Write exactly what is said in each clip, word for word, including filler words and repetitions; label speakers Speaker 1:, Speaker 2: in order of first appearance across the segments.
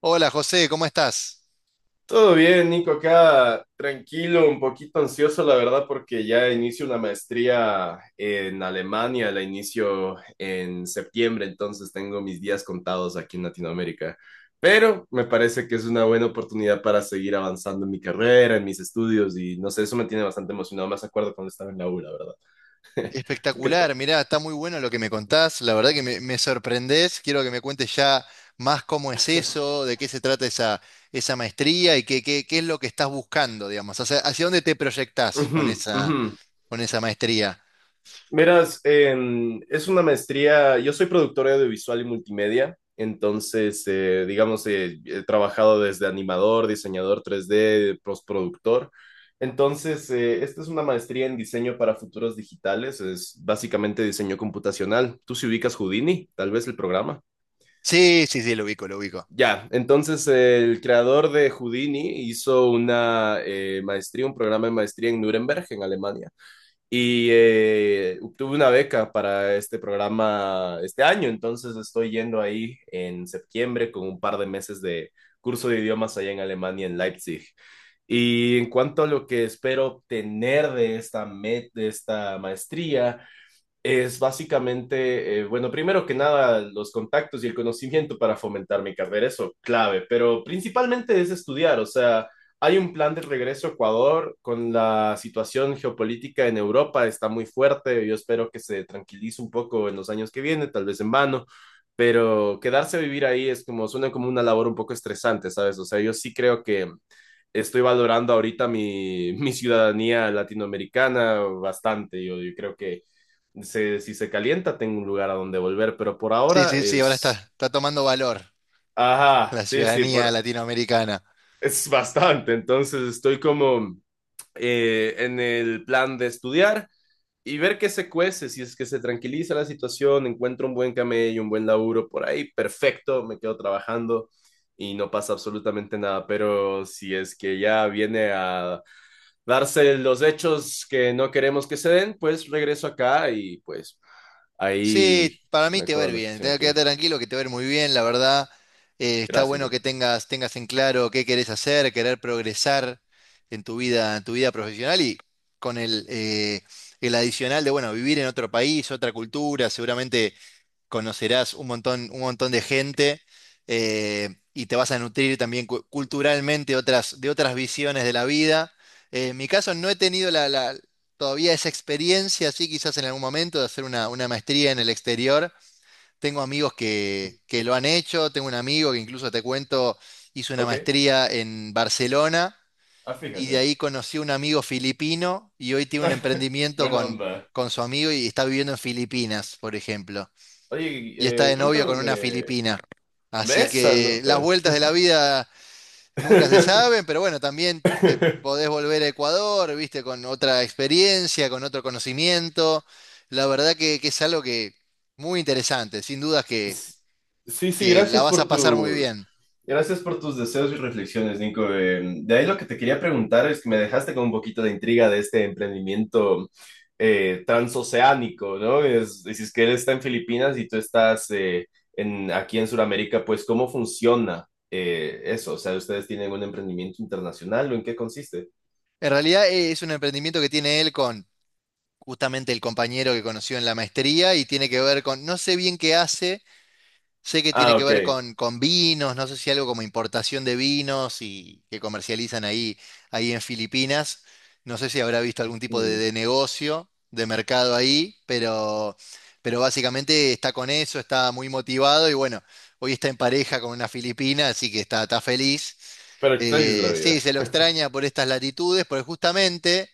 Speaker 1: Hola José, ¿cómo estás?
Speaker 2: Todo bien, Nico, acá tranquilo, un poquito ansioso, la verdad, porque ya inicio una maestría en Alemania, la inicio en septiembre, entonces tengo mis días contados aquí en Latinoamérica. Pero me parece que es una buena oportunidad para seguir avanzando en mi carrera, en mis estudios, y no sé, eso me tiene bastante emocionado. Más acuerdo cuando estaba en la U, la verdad. ¿Tú qué tal?
Speaker 1: Espectacular, mirá, está muy bueno lo que me contás, la verdad que me, me sorprendés, quiero que me cuentes ya más cómo es eso, de qué se trata esa, esa maestría y qué, qué, qué es lo que estás buscando, digamos, hacia, hacia dónde te proyectás
Speaker 2: Ujú,
Speaker 1: con
Speaker 2: ujú.
Speaker 1: esa, con esa maestría.
Speaker 2: Miras, em, es una maestría, yo soy productor audiovisual y multimedia, entonces, eh, digamos, eh, he trabajado desde animador, diseñador tres d postproductor. Entonces, eh, esta es una maestría en diseño para futuros digitales, es básicamente diseño computacional. Tú si ubicas Houdini, tal vez el programa.
Speaker 1: Sí, sí, sí, lo ubico, lo ubico.
Speaker 2: Ya, entonces eh, el creador de Houdini hizo una eh, maestría, un programa de maestría en Nuremberg, en Alemania, y eh, obtuve una beca para este programa este año, entonces estoy yendo ahí en septiembre con un par de meses de curso de idiomas allá en Alemania, en Leipzig. Y en cuanto a lo que espero obtener de esta, me- de esta maestría, es básicamente, eh, bueno, primero que nada, los contactos y el conocimiento para fomentar mi carrera, eso clave, pero principalmente es estudiar, o sea, hay un plan de regreso a Ecuador. Con la situación geopolítica en Europa, está muy fuerte, yo espero que se tranquilice un poco en los años que vienen, tal vez en vano, pero quedarse a vivir ahí es como, suena como una labor un poco estresante, ¿sabes? O sea, yo sí creo que estoy valorando ahorita mi, mi ciudadanía latinoamericana bastante. Yo, yo creo que se, si se calienta, tengo un lugar a donde volver, pero por
Speaker 1: Sí,
Speaker 2: ahora
Speaker 1: sí, sí, ahora está,
Speaker 2: es...
Speaker 1: está tomando valor
Speaker 2: Ajá,
Speaker 1: la
Speaker 2: sí, sí,
Speaker 1: ciudadanía
Speaker 2: por...
Speaker 1: latinoamericana.
Speaker 2: es bastante, entonces estoy como eh, en el plan de estudiar y ver qué se cuece. Si es que se tranquiliza la situación, encuentro un buen camello, un buen laburo por ahí, perfecto, me quedo trabajando y no pasa absolutamente nada, pero si es que ya viene a darse los hechos que no queremos que se den, pues regreso acá y pues
Speaker 1: Sí,
Speaker 2: ahí
Speaker 1: para mí te va a
Speaker 2: mejora
Speaker 1: ir
Speaker 2: la
Speaker 1: bien.
Speaker 2: situación
Speaker 1: Tenga-
Speaker 2: aquí.
Speaker 1: Quédate tranquilo que te va a ir muy bien, la verdad. Eh, está
Speaker 2: Gracias,
Speaker 1: bueno que
Speaker 2: Nico.
Speaker 1: tengas, tengas en claro qué querés hacer, querer progresar en tu vida, en tu vida profesional y con el, eh, el adicional de, bueno, vivir en otro país, otra cultura, seguramente conocerás un montón, un montón de gente eh, y te vas a nutrir también cu- culturalmente otras, de otras visiones de la vida. Eh, en mi caso no he tenido la, la- todavía esa experiencia, sí, quizás en algún momento de hacer una, una maestría en el exterior. Tengo amigos que, que lo han hecho, tengo un amigo que incluso te cuento, hizo una
Speaker 2: Ok,
Speaker 1: maestría en Barcelona
Speaker 2: ah,
Speaker 1: y de
Speaker 2: fíjate.
Speaker 1: ahí conocí a un amigo filipino y hoy tiene un emprendimiento
Speaker 2: Buena
Speaker 1: con,
Speaker 2: onda.
Speaker 1: con su amigo y está viviendo en Filipinas, por ejemplo,
Speaker 2: Oye,
Speaker 1: y está
Speaker 2: eh,
Speaker 1: de novio con una
Speaker 2: cuéntame
Speaker 1: filipina. Así
Speaker 2: esa
Speaker 1: que las
Speaker 2: nota.
Speaker 1: vueltas de la vida nunca se saben, pero bueno, también te podés volver a Ecuador, viste, con otra experiencia, con otro conocimiento. La verdad que, que es algo que muy interesante, sin dudas que,
Speaker 2: Sí, sí,
Speaker 1: que la
Speaker 2: gracias
Speaker 1: vas a
Speaker 2: por
Speaker 1: pasar muy
Speaker 2: tu,
Speaker 1: bien.
Speaker 2: gracias por tus deseos y reflexiones, Nico. Eh, de ahí lo que te quería preguntar es que me dejaste con un poquito de intriga de este emprendimiento eh, transoceánico, ¿no? Es, dices que él está en Filipinas y tú estás eh, en, aquí en Sudamérica, pues ¿cómo funciona eh, eso? O sea, ¿ustedes tienen un emprendimiento internacional o en qué consiste?
Speaker 1: En realidad eh, es un emprendimiento que tiene él con justamente el compañero que conoció en la maestría y tiene que ver con, no sé bien qué hace. Sé que tiene
Speaker 2: Ah,
Speaker 1: que ver
Speaker 2: ok.
Speaker 1: con, con vinos, no sé si algo como importación de vinos y que comercializan ahí, ahí en Filipinas. No sé si habrá visto algún tipo de,
Speaker 2: Mm.
Speaker 1: de negocio, de mercado ahí, pero, pero básicamente está con eso, está muy motivado y bueno, hoy está en pareja con una filipina, así que está, está feliz.
Speaker 2: Pero ¿qué es la
Speaker 1: Eh, sí,
Speaker 2: vida?
Speaker 1: se lo extraña por estas latitudes, porque justamente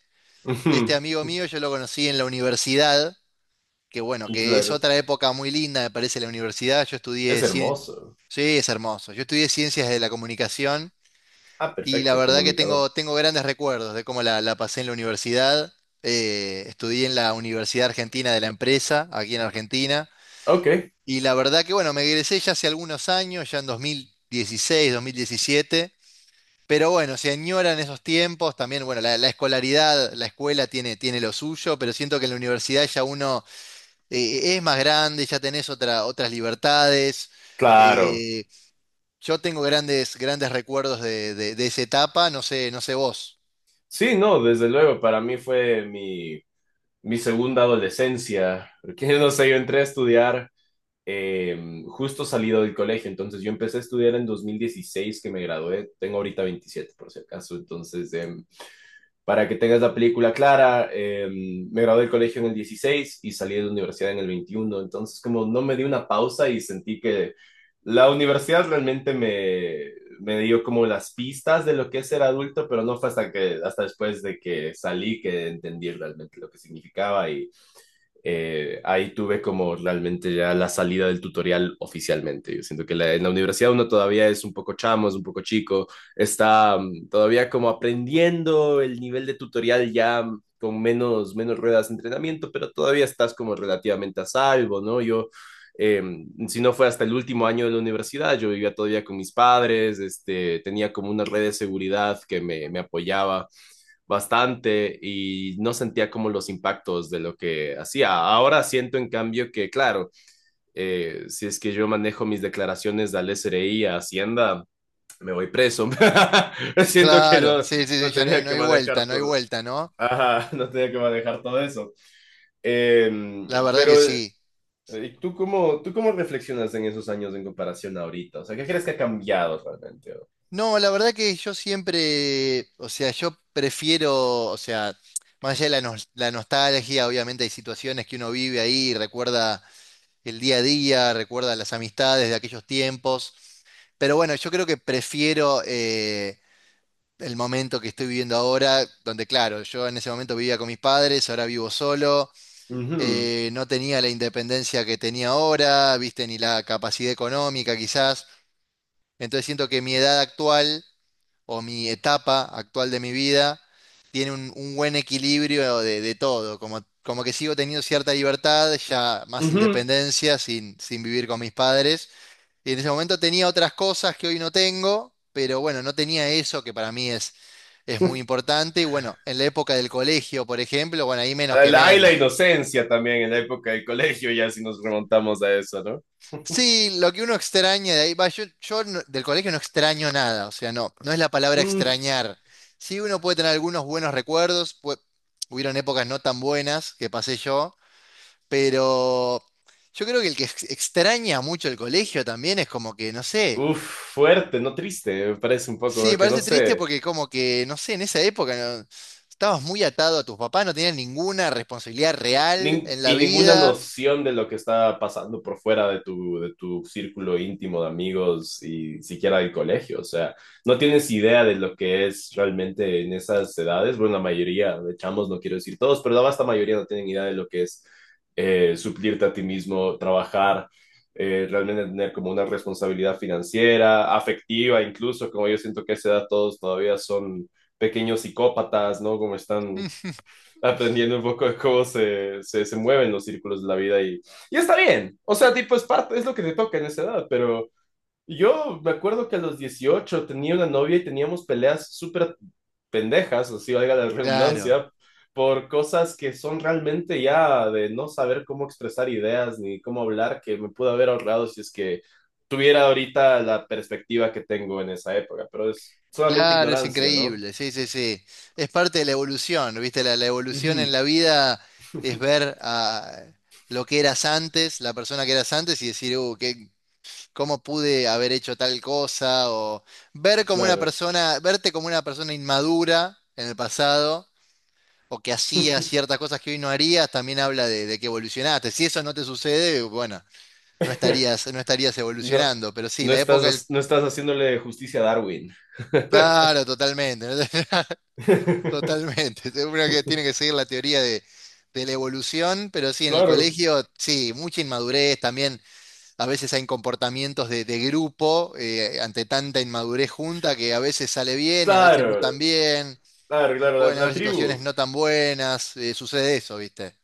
Speaker 1: este amigo mío yo lo conocí en la universidad, que bueno, que es
Speaker 2: Claro,
Speaker 1: otra época muy linda, me parece, la universidad. Yo estudié
Speaker 2: es
Speaker 1: ciencias,
Speaker 2: hermoso.
Speaker 1: sí, es hermoso. Yo estudié ciencias de la comunicación
Speaker 2: Ah,
Speaker 1: y la
Speaker 2: perfecto,
Speaker 1: verdad que
Speaker 2: comunicador.
Speaker 1: tengo, tengo grandes recuerdos de cómo la, la pasé en la universidad. Eh, estudié en la Universidad Argentina de la Empresa, aquí en Argentina.
Speaker 2: Ok,
Speaker 1: Y la verdad que bueno, me egresé ya hace algunos años, ya en dos mil dieciséis, dos mil diecisiete. Pero bueno, se añoran esos tiempos. También, bueno, la, la escolaridad, la escuela tiene, tiene lo suyo, pero siento que en la universidad ya uno eh, es más grande, ya tenés otra, otras libertades.
Speaker 2: claro.
Speaker 1: eh, yo tengo grandes, grandes recuerdos de, de- de esa etapa, no sé, no sé vos.
Speaker 2: Sí, no, desde luego, para mí fue mi, mi segunda adolescencia, porque no sé, yo entré a estudiar eh, justo salido del colegio, entonces yo empecé a estudiar en dos mil dieciséis que me gradué, tengo ahorita veintisiete por si acaso, entonces eh, para que tengas la película clara, eh, me gradué del colegio en el dieciséis y salí de la universidad en el veintiuno, entonces como no me di una pausa y sentí que la universidad realmente me, me dio como las pistas de lo que es ser adulto, pero no fue hasta que, hasta después de que salí que entendí realmente lo que significaba, y eh, ahí tuve como realmente ya la salida del tutorial oficialmente. Yo siento que la- en la universidad uno todavía es un poco chamo, es un poco chico, está mm, todavía como aprendiendo el nivel de tutorial ya, mm, con menos, menos ruedas de entrenamiento, pero todavía estás como relativamente a salvo, ¿no? Yo, eh, si no fue hasta el último año de la universidad, yo vivía todavía con mis padres, este, tenía como una red de seguridad que me, me apoyaba bastante y no sentía como los impactos de lo que hacía. Ahora siento en cambio que, claro, eh, si es que yo manejo mis declaraciones al S R I, a Hacienda, me voy preso. Siento que
Speaker 1: Claro,
Speaker 2: no,
Speaker 1: sí, sí, sí,
Speaker 2: no
Speaker 1: ya no,
Speaker 2: tenía
Speaker 1: no
Speaker 2: que
Speaker 1: hay vuelta,
Speaker 2: manejar
Speaker 1: no hay
Speaker 2: todo.
Speaker 1: vuelta, ¿no?
Speaker 2: Ajá, no tenía que manejar todo eso. Eh,
Speaker 1: La verdad que
Speaker 2: pero,
Speaker 1: sí.
Speaker 2: eh, ¿tú cómo, tú cómo reflexionas en esos años en comparación a ahorita? O sea, ¿qué crees que ha cambiado realmente?
Speaker 1: No, la verdad que yo siempre, o sea, yo prefiero, o sea, más allá de la, nos- la nostalgia, obviamente hay situaciones que uno vive ahí, recuerda el día a día, recuerda las amistades de aquellos tiempos, pero bueno, yo creo que prefiero eh, el momento que estoy viviendo ahora, donde claro, yo en ese momento vivía con mis padres, ahora vivo solo,
Speaker 2: Ujú,
Speaker 1: eh, no tenía la independencia que tenía ahora, viste, ni la capacidad económica quizás. Entonces siento que mi edad actual o mi etapa actual de mi vida tiene un, un buen equilibrio de, de todo, como, como que sigo teniendo cierta libertad, ya más
Speaker 2: ujú.
Speaker 1: independencia sin, sin vivir con mis padres. Y en ese momento tenía otras cosas que hoy no tengo, pero bueno, no tenía eso que para mí es es muy importante. Y bueno, en la época del colegio, por ejemplo, bueno, ahí menos que
Speaker 2: La, hay la
Speaker 1: menos.
Speaker 2: inocencia también en la época del colegio, ya si nos remontamos a eso, ¿no?
Speaker 1: Sí, lo que uno extraña de ahí, va, yo, yo no- del colegio no extraño nada, o sea, no, no es la palabra
Speaker 2: Mm.
Speaker 1: extrañar. Sí, uno puede tener algunos buenos recuerdos, pu- hubieron épocas no tan buenas que pasé yo, pero yo creo que el que ex- extraña mucho el colegio también es como que, no sé,
Speaker 2: Uf, fuerte, no triste, me parece un poco,
Speaker 1: sí, me
Speaker 2: porque no
Speaker 1: parece triste
Speaker 2: sé.
Speaker 1: porque como que, no sé, en esa época no- estabas muy atado a tus papás, no tenías ninguna responsabilidad real
Speaker 2: nin-
Speaker 1: en la
Speaker 2: y ninguna
Speaker 1: vida.
Speaker 2: noción de lo que está pasando por fuera de tu, de tu círculo íntimo de amigos y siquiera del colegio. O sea, no tienes idea de lo que es realmente en esas edades. Bueno, la mayoría de chamos, no quiero decir todos, pero la vasta mayoría no tienen idea de lo que es eh, suplirte a ti mismo, trabajar. Eh, realmente tener como una responsabilidad financiera, afectiva, incluso como yo siento que a esa edad todos todavía son pequeños psicópatas, ¿no? Como están
Speaker 1: Mm,
Speaker 2: aprendiendo un poco de cómo se, se, se mueven los círculos de la vida, y, y está bien. O sea, tipo, es parte, es lo que te toca en esa edad, pero yo me acuerdo que a los dieciocho tenía una novia y teníamos peleas súper pendejas, o si valga la
Speaker 1: claro,
Speaker 2: redundancia, por cosas que son realmente ya de no saber cómo expresar ideas ni cómo hablar, que me pude haber ahorrado si es que tuviera ahorita la perspectiva que tengo en esa época, pero es solamente
Speaker 1: claro, es
Speaker 2: ignorancia, ¿no?
Speaker 1: increíble, sí, sí, sí. Es parte de la evolución, ¿viste? La, la evolución en
Speaker 2: Ujú,
Speaker 1: la vida es ver a lo que eras antes, la persona que eras antes y decir, uh, qué- ¿cómo pude haber hecho tal cosa? O ver como una
Speaker 2: claro.
Speaker 1: persona, verte como una persona inmadura en el pasado o que hacía ciertas cosas que hoy no harías, también habla de, de que evolucionaste. Si eso no te sucede, bueno, no estarías, no estarías
Speaker 2: No,
Speaker 1: evolucionando, pero sí,
Speaker 2: no
Speaker 1: la época del.
Speaker 2: estás, no estás haciéndole justicia a Darwin.
Speaker 1: Claro, totalmente. Totalmente, seguro que tiene que seguir la teoría de, de la evolución, pero sí, en el
Speaker 2: Claro.
Speaker 1: colegio, sí, mucha inmadurez, también a veces hay comportamientos de, de grupo eh, ante tanta inmadurez junta que a veces sale bien y a veces no
Speaker 2: Claro,
Speaker 1: tan bien,
Speaker 2: claro, claro, la,
Speaker 1: pueden haber
Speaker 2: la
Speaker 1: situaciones
Speaker 2: tribu.
Speaker 1: no tan buenas, eh, sucede eso, ¿viste?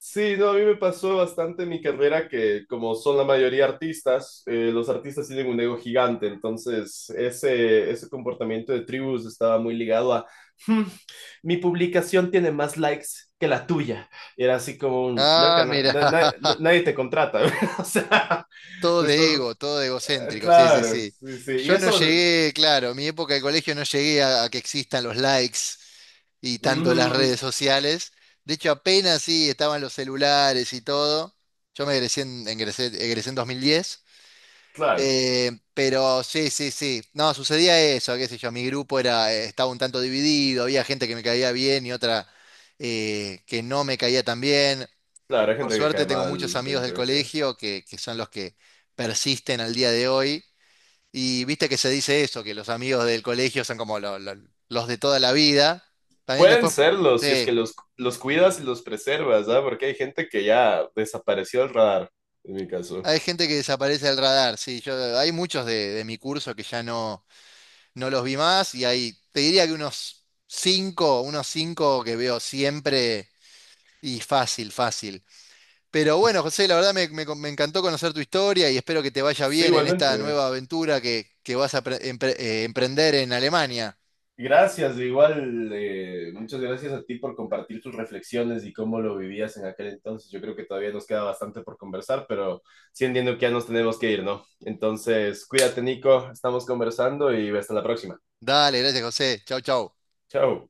Speaker 2: Sí, no, a mí me pasó bastante en mi carrera que como son la mayoría artistas, eh, los artistas tienen un ego gigante, entonces ese, ese comportamiento de tribus estaba muy ligado a, "Hmm, mi publicación tiene más likes que la tuya." Y era así como un,
Speaker 1: Ah,
Speaker 2: loca, na-
Speaker 1: mira.
Speaker 2: na- na- nadie te contrata. O sea,
Speaker 1: Todo
Speaker 2: estás,
Speaker 1: de ego, todo de
Speaker 2: Eh,
Speaker 1: egocéntrico, sí, sí,
Speaker 2: claro,
Speaker 1: sí.
Speaker 2: sí, sí. Y
Speaker 1: Yo no
Speaker 2: eso,
Speaker 1: llegué, claro, en mi época de colegio no llegué a, a que existan los likes y tanto las
Speaker 2: ujú,
Speaker 1: redes sociales. De hecho, apenas sí estaban los celulares y todo. Yo me egresé en, ingresé- egresé en dos mil diez.
Speaker 2: claro,
Speaker 1: eh, pero sí, sí, sí. No, sucedía eso, qué sé yo. Mi grupo era, eh, estaba un tanto dividido, había gente que me caía bien y otra eh, que no me caía tan bien.
Speaker 2: claro, hay
Speaker 1: Por
Speaker 2: gente que
Speaker 1: suerte
Speaker 2: cae
Speaker 1: tengo muchos
Speaker 2: mal
Speaker 1: amigos
Speaker 2: en
Speaker 1: del
Speaker 2: colegio.
Speaker 1: colegio que, que son los que persisten al día de hoy. Y viste que se dice eso, que los amigos del colegio son como lo- lo- los de toda la vida. También
Speaker 2: Pueden
Speaker 1: después,
Speaker 2: serlo si es que
Speaker 1: sí,
Speaker 2: los, los cuidas y los preservas, ¿ah? Porque hay gente que ya desapareció del radar, en mi caso.
Speaker 1: hay gente que desaparece del radar. Sí, yo, hay muchos de, de mi curso que ya no, no los vi más y hay, te diría que unos cinco, unos cinco que veo siempre y fácil, fácil. Pero bueno, José, la verdad me, me- me encantó conocer tu historia y espero que te vaya
Speaker 2: Sí,
Speaker 1: bien en esta
Speaker 2: igualmente.
Speaker 1: nueva aventura que, que vas a pre- empre- eh, emprender en Alemania.
Speaker 2: Gracias, de igual, eh, muchas gracias a ti por compartir tus reflexiones y cómo lo vivías en aquel entonces. Yo creo que todavía nos queda bastante por conversar, pero sí entiendo que ya nos tenemos que ir, ¿no? Entonces, cuídate, Nico, estamos conversando y hasta la próxima.
Speaker 1: Dale, gracias, José. Chau, chau.
Speaker 2: Chao.